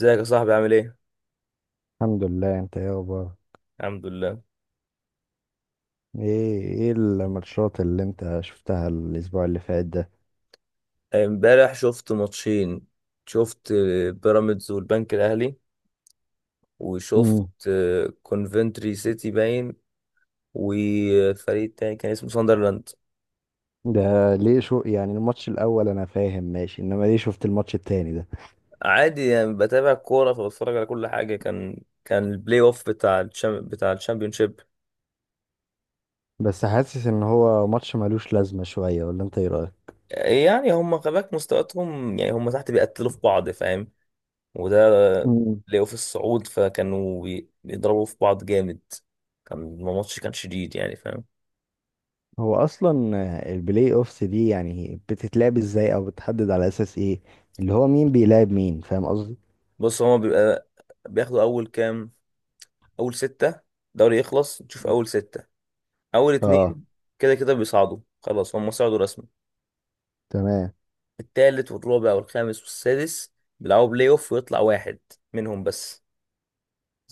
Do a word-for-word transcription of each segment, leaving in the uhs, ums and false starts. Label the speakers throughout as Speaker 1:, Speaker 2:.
Speaker 1: ازيك يا صاحبي، عامل ايه؟
Speaker 2: الحمد لله، انت ايه اخبارك؟
Speaker 1: الحمد لله.
Speaker 2: ايه ايه الماتشات اللي انت شفتها الاسبوع اللي فات ده؟
Speaker 1: امبارح شفت ماتشين. شفت آه، بيراميدز والبنك الاهلي. وشفت
Speaker 2: امم.
Speaker 1: آه، كونفنتري سيتي باين. وفريق تاني كان اسمه ساندرلاند.
Speaker 2: ده ليه شو يعني الماتش الاول؟ انا فاهم ماشي، انما ليه شفت الماتش التاني ده؟
Speaker 1: عادي، يعني بتابع كورة فبتفرج على كل حاجة. كان كان البلاي اوف بتاع الشام بتاع الشامبيونشيب.
Speaker 2: بس حاسس ان هو ماتش ملوش لازمة شوية، ولا انت ايه رأيك؟
Speaker 1: يعني هم خباك مستوياتهم، يعني هم تحت بيقتلوا في بعض، فاهم. وده
Speaker 2: امم.
Speaker 1: بلاي اوف الصعود، فكانوا بي- بيضربوا في بعض جامد. كان الماتش كان شديد، يعني فاهم.
Speaker 2: هو اصلا البلاي اوفس دي يعني بتتلعب ازاي، او بتحدد على اساس ايه؟ اللي هو مين بيلعب مين، فاهم قصدي؟
Speaker 1: بص، هما بيبقى بياخدوا اول كام، اول ستة. دوري يخلص تشوف اول ستة، اول
Speaker 2: اه.
Speaker 1: اتنين كده كده بيصعدوا خلاص، هما صعدوا رسمي.
Speaker 2: تمام،
Speaker 1: التالت والرابع والخامس والسادس بيلعبوا بلاي اوف ويطلع واحد منهم بس.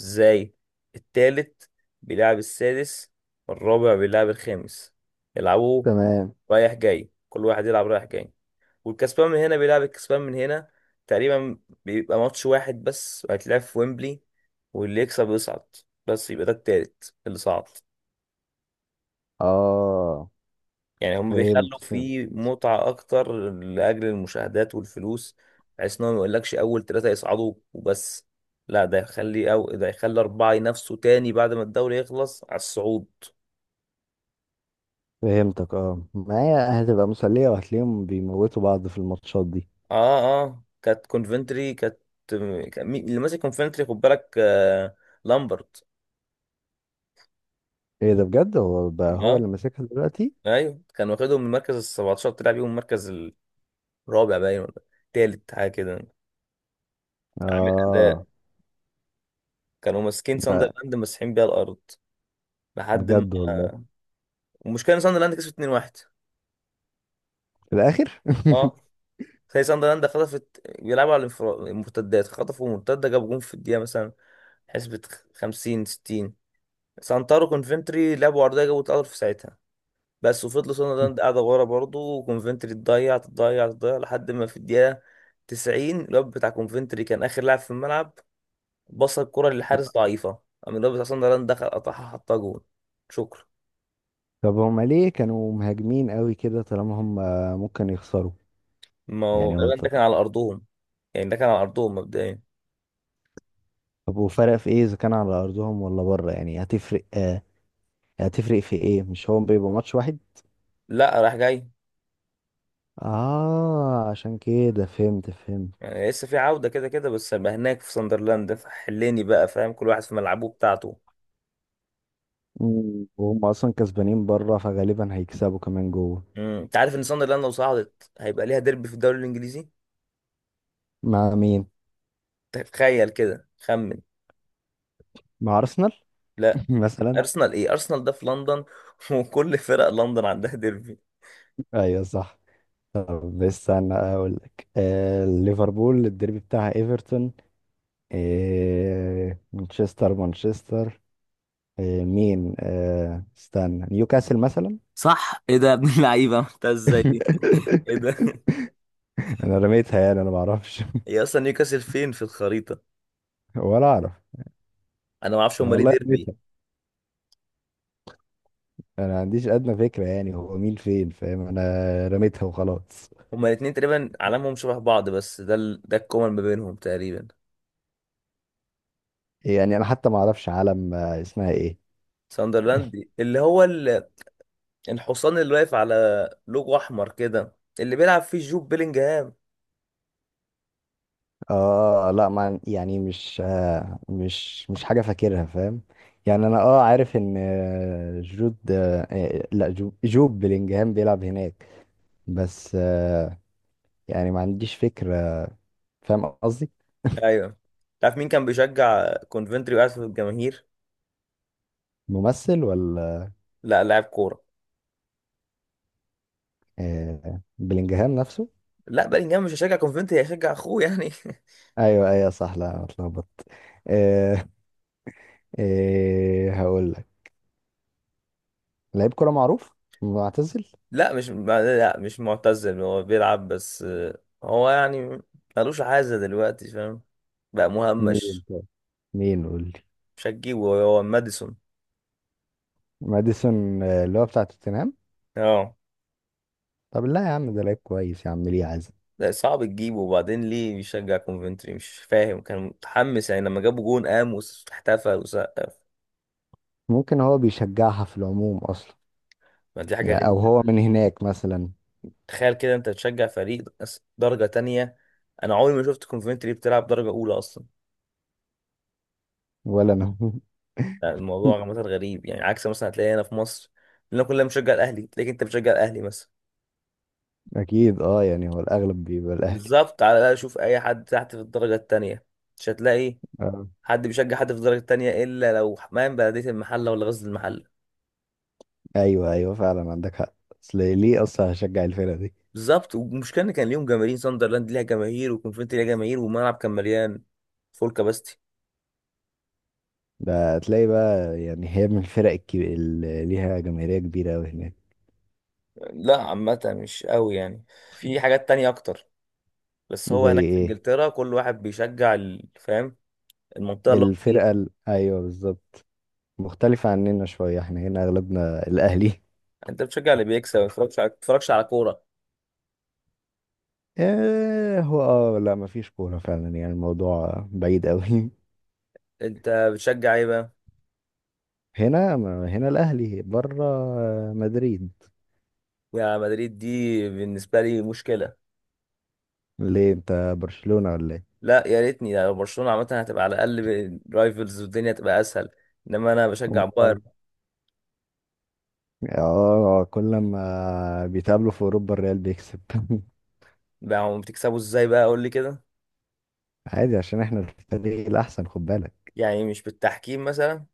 Speaker 1: ازاي؟ التالت بيلعب السادس، والرابع بيلعب الخامس. يلعبوا
Speaker 2: تمام.
Speaker 1: رايح جاي، كل واحد يلعب رايح جاي. والكسبان من هنا بيلعب الكسبان من هنا تقريبا. بيبقى ماتش واحد بس هيتلعب في ويمبلي، واللي يكسب يصعد. بس يبقى ده التالت اللي صعد.
Speaker 2: اه.
Speaker 1: يعني هم
Speaker 2: فهمت،
Speaker 1: بيخلوا
Speaker 2: فهمت.
Speaker 1: فيه متعة أكتر لأجل المشاهدات والفلوس، بحيث إنهم ميقولكش أول تلاتة يصعدوا وبس، لا ده يخلي أو ده يخلي أربعة ينافسوا تاني بعد ما الدوري يخلص على الصعود.
Speaker 2: فهمتك، اه، ما هي هتبقى مسلية وهتلاقيهم بيموتوا بعض في الماتشات دي.
Speaker 1: آه، آه. كانت كونفنتري كانت، كان مين- اللي ماسك كونفنتري، خد بالك؟ آه، لامبرت.
Speaker 2: ايه ده بجد، هو بقى هو
Speaker 1: اه،
Speaker 2: اللي ماسكها دلوقتي؟
Speaker 1: ايوه، كان واخدهم من المركز ال سبعتاشر، طلع بيهم المركز الرابع باين، ولا التالت، حاجه كده. عامل اداء.
Speaker 2: اه.
Speaker 1: كانوا ماسكين
Speaker 2: لا.
Speaker 1: ساندرلاند مسحين بيها الارض لحد ما.
Speaker 2: بجد والله؟
Speaker 1: والمشكله ان ساندرلاند كسبت اتنين واحد.
Speaker 2: في الاخر.
Speaker 1: اه، زي ساندرلاند خطفت، بيلعبوا على الانفرا- المرتدات. خطفوا مرتده، جابوا جون في الدقيقه مثلا، حسبة خمسين ستين. سانتارو كونفنتري لعبوا عرضيه، جابوا اتقدر في ساعتها بس. وفضلوا ساندرلاند قاعده ورا برضه، وكونفنتري تضيع تضيع تضيع لحد ما في الدقيقه تسعين الواد بتاع كونفنتري كان اخر لاعب في الملعب. بص الكرة للحارس ضعيفة، قام الواد بتاع صن دخل قطعها حطها جون. شكرا.
Speaker 2: طب هما ليه كانوا مهاجمين قوي كده طالما هم ممكن يخسروا؟
Speaker 1: ما هو
Speaker 2: يعني هو
Speaker 1: غالبا
Speaker 2: ط-
Speaker 1: ده كان على أرضهم. يعني ده كان على أرضهم مبدئيا.
Speaker 2: طب وفرق في ايه اذا كان على ارضهم ولا بره؟ يعني هتفرق آه، هتفرق في ايه؟ مش هو بيبقى ماتش واحد؟
Speaker 1: لا، راح جاي.
Speaker 2: اه، عشان كده فهمت، فهمت.
Speaker 1: يعني لسه في عودة كده كده، بس هيبقى هناك في ساندرلاند، حليني بقى، فاهم؟ كل واحد في ملعبه بتاعته.
Speaker 2: مم، وهم اصلا كسبانين بره، فغالبا هيكسبوا كمان جوه.
Speaker 1: امم انت عارف ان ساندرلاند لو صعدت هيبقى ليها ديربي في الدوري الانجليزي؟
Speaker 2: مع مين؟
Speaker 1: تخيل كده، خمن.
Speaker 2: مع أرسنال.
Speaker 1: لا.
Speaker 2: مثلا؟
Speaker 1: ارسنال ايه؟ ارسنال ده في لندن، وكل فرق لندن عندها ديربي.
Speaker 2: أيوه، صح. طب استنى أقول لك، آه ليفربول الديربي بتاعها إيفرتون. آه، مانشستر، مانشستر. آه، مين؟ آه استنى نيوكاسل مثلا؟
Speaker 1: صح. ايه ده يا ابن اللعيبه، عملتها ازاي دي؟ ايه ده؟
Speaker 2: أنا رميتها يعني، أنا معرفش.
Speaker 1: هي اصلا نيوكاسل فين في الخريطة؟
Speaker 2: ولا أعرف.
Speaker 1: انا ما اعرفش
Speaker 2: أنا
Speaker 1: هما ليه
Speaker 2: والله
Speaker 1: ديربي.
Speaker 2: رميتها. أنا ما عنديش أدنى فكرة يعني هو مين فين، فاهم؟ أنا رميتها وخلاص.
Speaker 1: هما الاثنين تقريبا علامهم شبه بعض، بس ده ال... ده الكومن ما بينهم تقريبا.
Speaker 2: يعني أنا حتى ما أعرفش علم، آه، اسمها إيه.
Speaker 1: ساندرلاند اللي هو ال... الحصان اللي واقف على لوجو احمر كده، اللي بيلعب فيه جوب بيلينجهام.
Speaker 2: اه، لا، ما يعني مش آه مش مش حاجة فاكرها، فاهم؟ يعني انا اه عارف ان آه، جود، آه آه، لا، جو- جوب بلينجهام بيلعب هناك. بس، آه يعني ما عنديش فكرة، فاهم قصدي؟
Speaker 1: ايوه. تعرف مين كان بيشجع كونفنتري وقاعد في الجماهير؟
Speaker 2: ممثل ولا؟
Speaker 1: لا، لاعب كوره.
Speaker 2: آه، بلينجهام نفسه؟
Speaker 1: لا، بيلينجهام مش هيشجع كونفنتري، هيشجع اخوه يعني.
Speaker 2: ايوه، ايوه، صح، لا أنا اتلخبطت. آه. آه هقول لك. لعيب كرة معروف. معتزل.
Speaker 1: لا مش ما- لا، مش معتزل، هو بيلعب بس آه، هو يعني ملوش عازة دلوقتي، فاهم؟ بقى
Speaker 2: مين
Speaker 1: مهمش.
Speaker 2: طيب؟ مين؟ قول لي.
Speaker 1: مش هتجيبه، هو ماديسون.
Speaker 2: ماديسون، آه، اللي هو بتاع توتنهام.
Speaker 1: اه،
Speaker 2: طب لا يا عم، ده لعيب كويس يا عم، ليه عزم؟
Speaker 1: لا، صعب تجيبه، وبعدين ليه بيشجع كونفنتري مش فاهم، كان متحمس يعني لما جابوا جون قام واحتفل وسقف.
Speaker 2: ممكن هو بيشجعها في العموم اصلا.
Speaker 1: ما دي حاجة
Speaker 2: يعني او
Speaker 1: غريبة.
Speaker 2: هو من هناك مثلا.
Speaker 1: تخيل كده انت تشجع فريق أس- درجة تانية. انا عمري ما شفت كونفنتري بتلعب درجة اولى اصلا.
Speaker 2: ولا انا.
Speaker 1: يعني الموضوع عامة غريب، يعني عكس مثلا هتلاقي هنا في مصر. لنا كلنا بنشجع الاهلي، تلاقيك انت بتشجع الاهلي مثلا.
Speaker 2: اكيد اه، يعني هو الاغلب بيبقى الاهلي.
Speaker 1: بالظبط، على الاقل شوف اي حد تحت في الدرجة التانية، مش هتلاقي
Speaker 2: آه.
Speaker 1: حد بيشجع حد في الدرجة التانية الا لو حمام بلدية المحلة ولا غزل المحلة.
Speaker 2: ايوه، ايوه، فعلا عندك حق. اصل ليه اصلا هشجع الفرقه دي؟
Speaker 1: بالظبط. والمشكله ان كان ليهم جماهير، ساندرلاند ليها جماهير وكونفنتي ليها جماهير والملعب كان مليان، فول كاباستي.
Speaker 2: ده تلاقي بقى، يعني هي من الفرق الكبيرة اللي ليها جماهيريه كبيره قوي هناك؟
Speaker 1: لا، عامه مش قوي يعني. في حاجات تانية اكتر. بس هو
Speaker 2: زي
Speaker 1: هناك في
Speaker 2: ايه؟
Speaker 1: انجلترا كل واحد بيشجع ال- فاهم؟ المنطقه اللي هو فيها.
Speaker 2: الفرقه ال... ايوه، بالظبط. مختلفه عننا شويه، احنا هنا اغلبنا الاهلي.
Speaker 1: انت بتشجع اللي بيكسب، ما بتتفرجش على ما بتتفرجش على كوره.
Speaker 2: آه، هو اه لا، مفيش كورة فعلا، يعني الموضوع بعيد قوي.
Speaker 1: انت بتشجع ايه بقى؟
Speaker 2: هنا هنا الأهلي، بره مدريد.
Speaker 1: يا مدريد دي بالنسبه لي مشكله.
Speaker 2: ليه، انت برشلونة ولا ايه؟
Speaker 1: لا، يا ريتني لو برشلونه، عامه هتبقى على الاقل رايفلز والدنيا تبقى اسهل. انما انا بشجع
Speaker 2: اه.
Speaker 1: بايرن.
Speaker 2: آه، كل ما بيتقابلوا في أوروبا الريال بيكسب.
Speaker 1: بقى هم بتكسبوا ازاي بقى؟ قول لي كده.
Speaker 2: عادي عشان احنا الفريق الأحسن، خد بالك.
Speaker 1: يعني مش بالتحكيم مثلا؟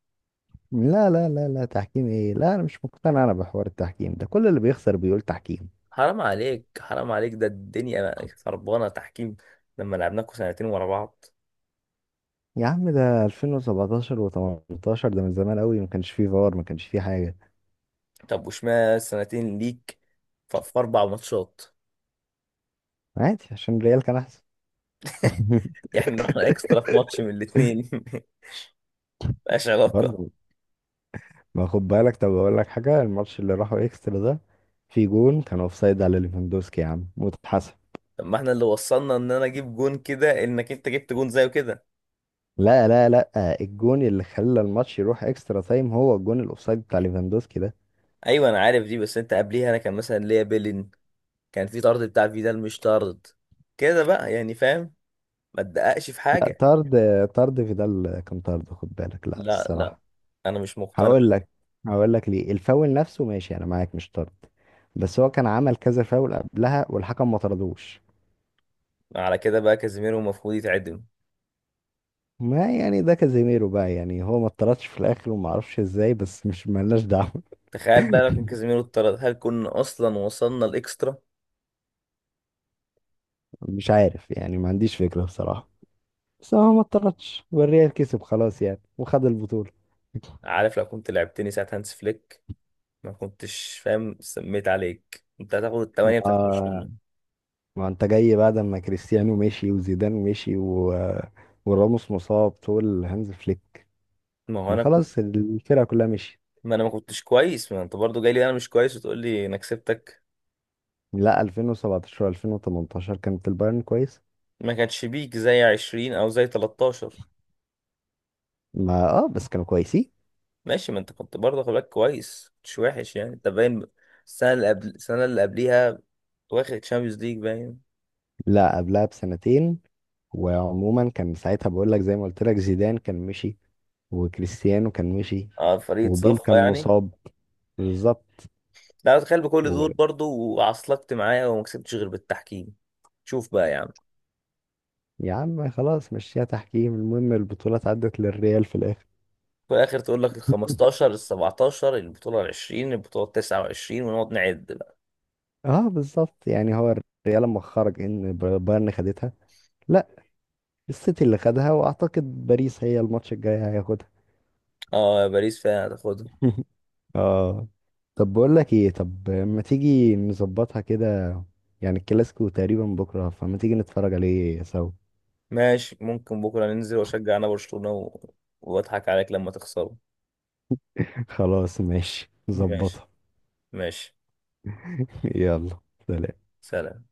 Speaker 2: لا، لا، لا، لا، تحكيم ايه؟ لا انا مش مقتنع، انا بحوار التحكيم ده كل اللي بيخسر بيقول تحكيم.
Speaker 1: حرام عليك، حرام عليك، ده الدنيا خربانه تحكيم. لما لعبناكوا سنتين ورا بعض.
Speaker 2: يا عم ده ألفين وسبعتاشر و18، ده من زمان قوي، ما كانش فيه فار، ما كانش فيه حاجة.
Speaker 1: طب وشمال سنتين ليك، ف- في اربع ماتشات.
Speaker 2: عادي عشان الريال كان أحسن.
Speaker 1: احنا رحنا اكسترا في ماتش من الاتنين، مبقاش علاقه.
Speaker 2: برضه. ما خد بالك، طب اقول لك حاجه، الماتش اللي راحوا اكسترا ده في جون كان اوفسايد على ليفاندوسكي يا عم واتحسب.
Speaker 1: طب ما احنا اللي وصلنا ان انا اجيب جون كده انك انت جبت جون زيه كده.
Speaker 2: لا، لا، لا، الجون اللي خلى الماتش يروح اكسترا تايم هو الجون الاوفسايد بتاع ليفاندوسكي ده.
Speaker 1: ايوه انا عارف دي، بس انت قبليها انا كان مثلا ليا بيلين، كان في طرد بتاع فيدال، مش طرد كده بقى، يعني فاهم. ما تدققش في
Speaker 2: لا،
Speaker 1: حاجه.
Speaker 2: طرد، طرد فيدال كان طرد خد بالك، لا
Speaker 1: لا لا،
Speaker 2: الصراحه.
Speaker 1: انا مش مقتنع.
Speaker 2: هقول لك، هقول لك ليه، الفاول نفسه ماشي انا معاك مش طرد. بس هو كان عمل كذا فاول قبلها والحكم ما طردوش.
Speaker 1: على كده بقى كازيميرو المفروض يتعدم.
Speaker 2: ما يعني ده كازيميرو بقى، يعني هو ما اتطردش في الاخر وما اعرفش ازاي، بس مش ملناش دعوه.
Speaker 1: تخيل بقى لو كان كازيميرو اتطرد، هل كنا اصلا وصلنا الاكسترا؟
Speaker 2: مش عارف، يعني ما عنديش فكرة بصراحة. بس هو ما اتطردش والريال كسب خلاص يعني، وخد البطولة.
Speaker 1: عارف لو كنت لعبتني ساعة هانس فليك، ما كنتش فاهم سميت عليك، انت هتاخد الثمانية بتاعت
Speaker 2: ما
Speaker 1: برشلونة.
Speaker 2: ما انت جاي بعد ما كريستيانو مشي وزيدان مشي و... وراموس مصاب، تقول هانز فليك؟
Speaker 1: ما هو
Speaker 2: ما
Speaker 1: انا كنت.
Speaker 2: خلاص الفرقة كلها مشيت.
Speaker 1: ما انا ما كنتش كويس، ما انت برضو جاي لي انا مش كويس وتقول لي انا كسبتك.
Speaker 2: لا، ألفين وسبعتاشر ألفين وتمنتاشر كانت البايرن كويس.
Speaker 1: ما كانش بيك زي عشرين او زي تلتاشر.
Speaker 2: ما، اه، بس كانوا كويسين.
Speaker 1: ماشي، ما انت كنت برضه، خد بالك، كويس مش وحش يعني، انت باين. السنة اللي قبل السنة اللي قبليها واخد تشامبيونز ليج باين.
Speaker 2: لا، قبلها بسنتين. وعموما كان ساعتها، بقول لك زي ما قلت لك، زيدان كان مشي، وكريستيانو كان مشي،
Speaker 1: اه، فريق
Speaker 2: وبيل
Speaker 1: صفى
Speaker 2: كان
Speaker 1: يعني.
Speaker 2: مصاب. بالظبط.
Speaker 1: لا، تخيل بكل دول برضو وعصلكت معايا وما كسبتش غير بالتحكيم. شوف بقى يا عم.
Speaker 2: يا عم خلاص، مشيها تحكيم، المهم البطولة عدت للريال في الآخر.
Speaker 1: في الاخر تقول لك ال الخمستاشر ال السبعتاشر البطوله ال العشرين البطوله ال التسعة والعشرين ونقعد نعد بقى.
Speaker 2: اه، بالظبط، يعني هو الريال لما خرج ان ب- بايرن خدتها، لا، السيتي اللي خدها، واعتقد باريس هي الماتش الجاي هياخدها.
Speaker 1: اه، يا باريس فعلا هتاخدها.
Speaker 2: اه. طب بقول لك ايه، طب ما تيجي نظبطها كده؟ يعني الكلاسيكو تقريبا بكرة، فما تيجي نتفرج عليه سوا؟
Speaker 1: ماشي، ممكن بكره ننزل واشجع انا برشلونه و... واضحك عليك لما تخسره.
Speaker 2: خلاص ماشي،
Speaker 1: ماشي.
Speaker 2: نظبطها.
Speaker 1: ماشي.
Speaker 2: يلا. سلام.
Speaker 1: سلام.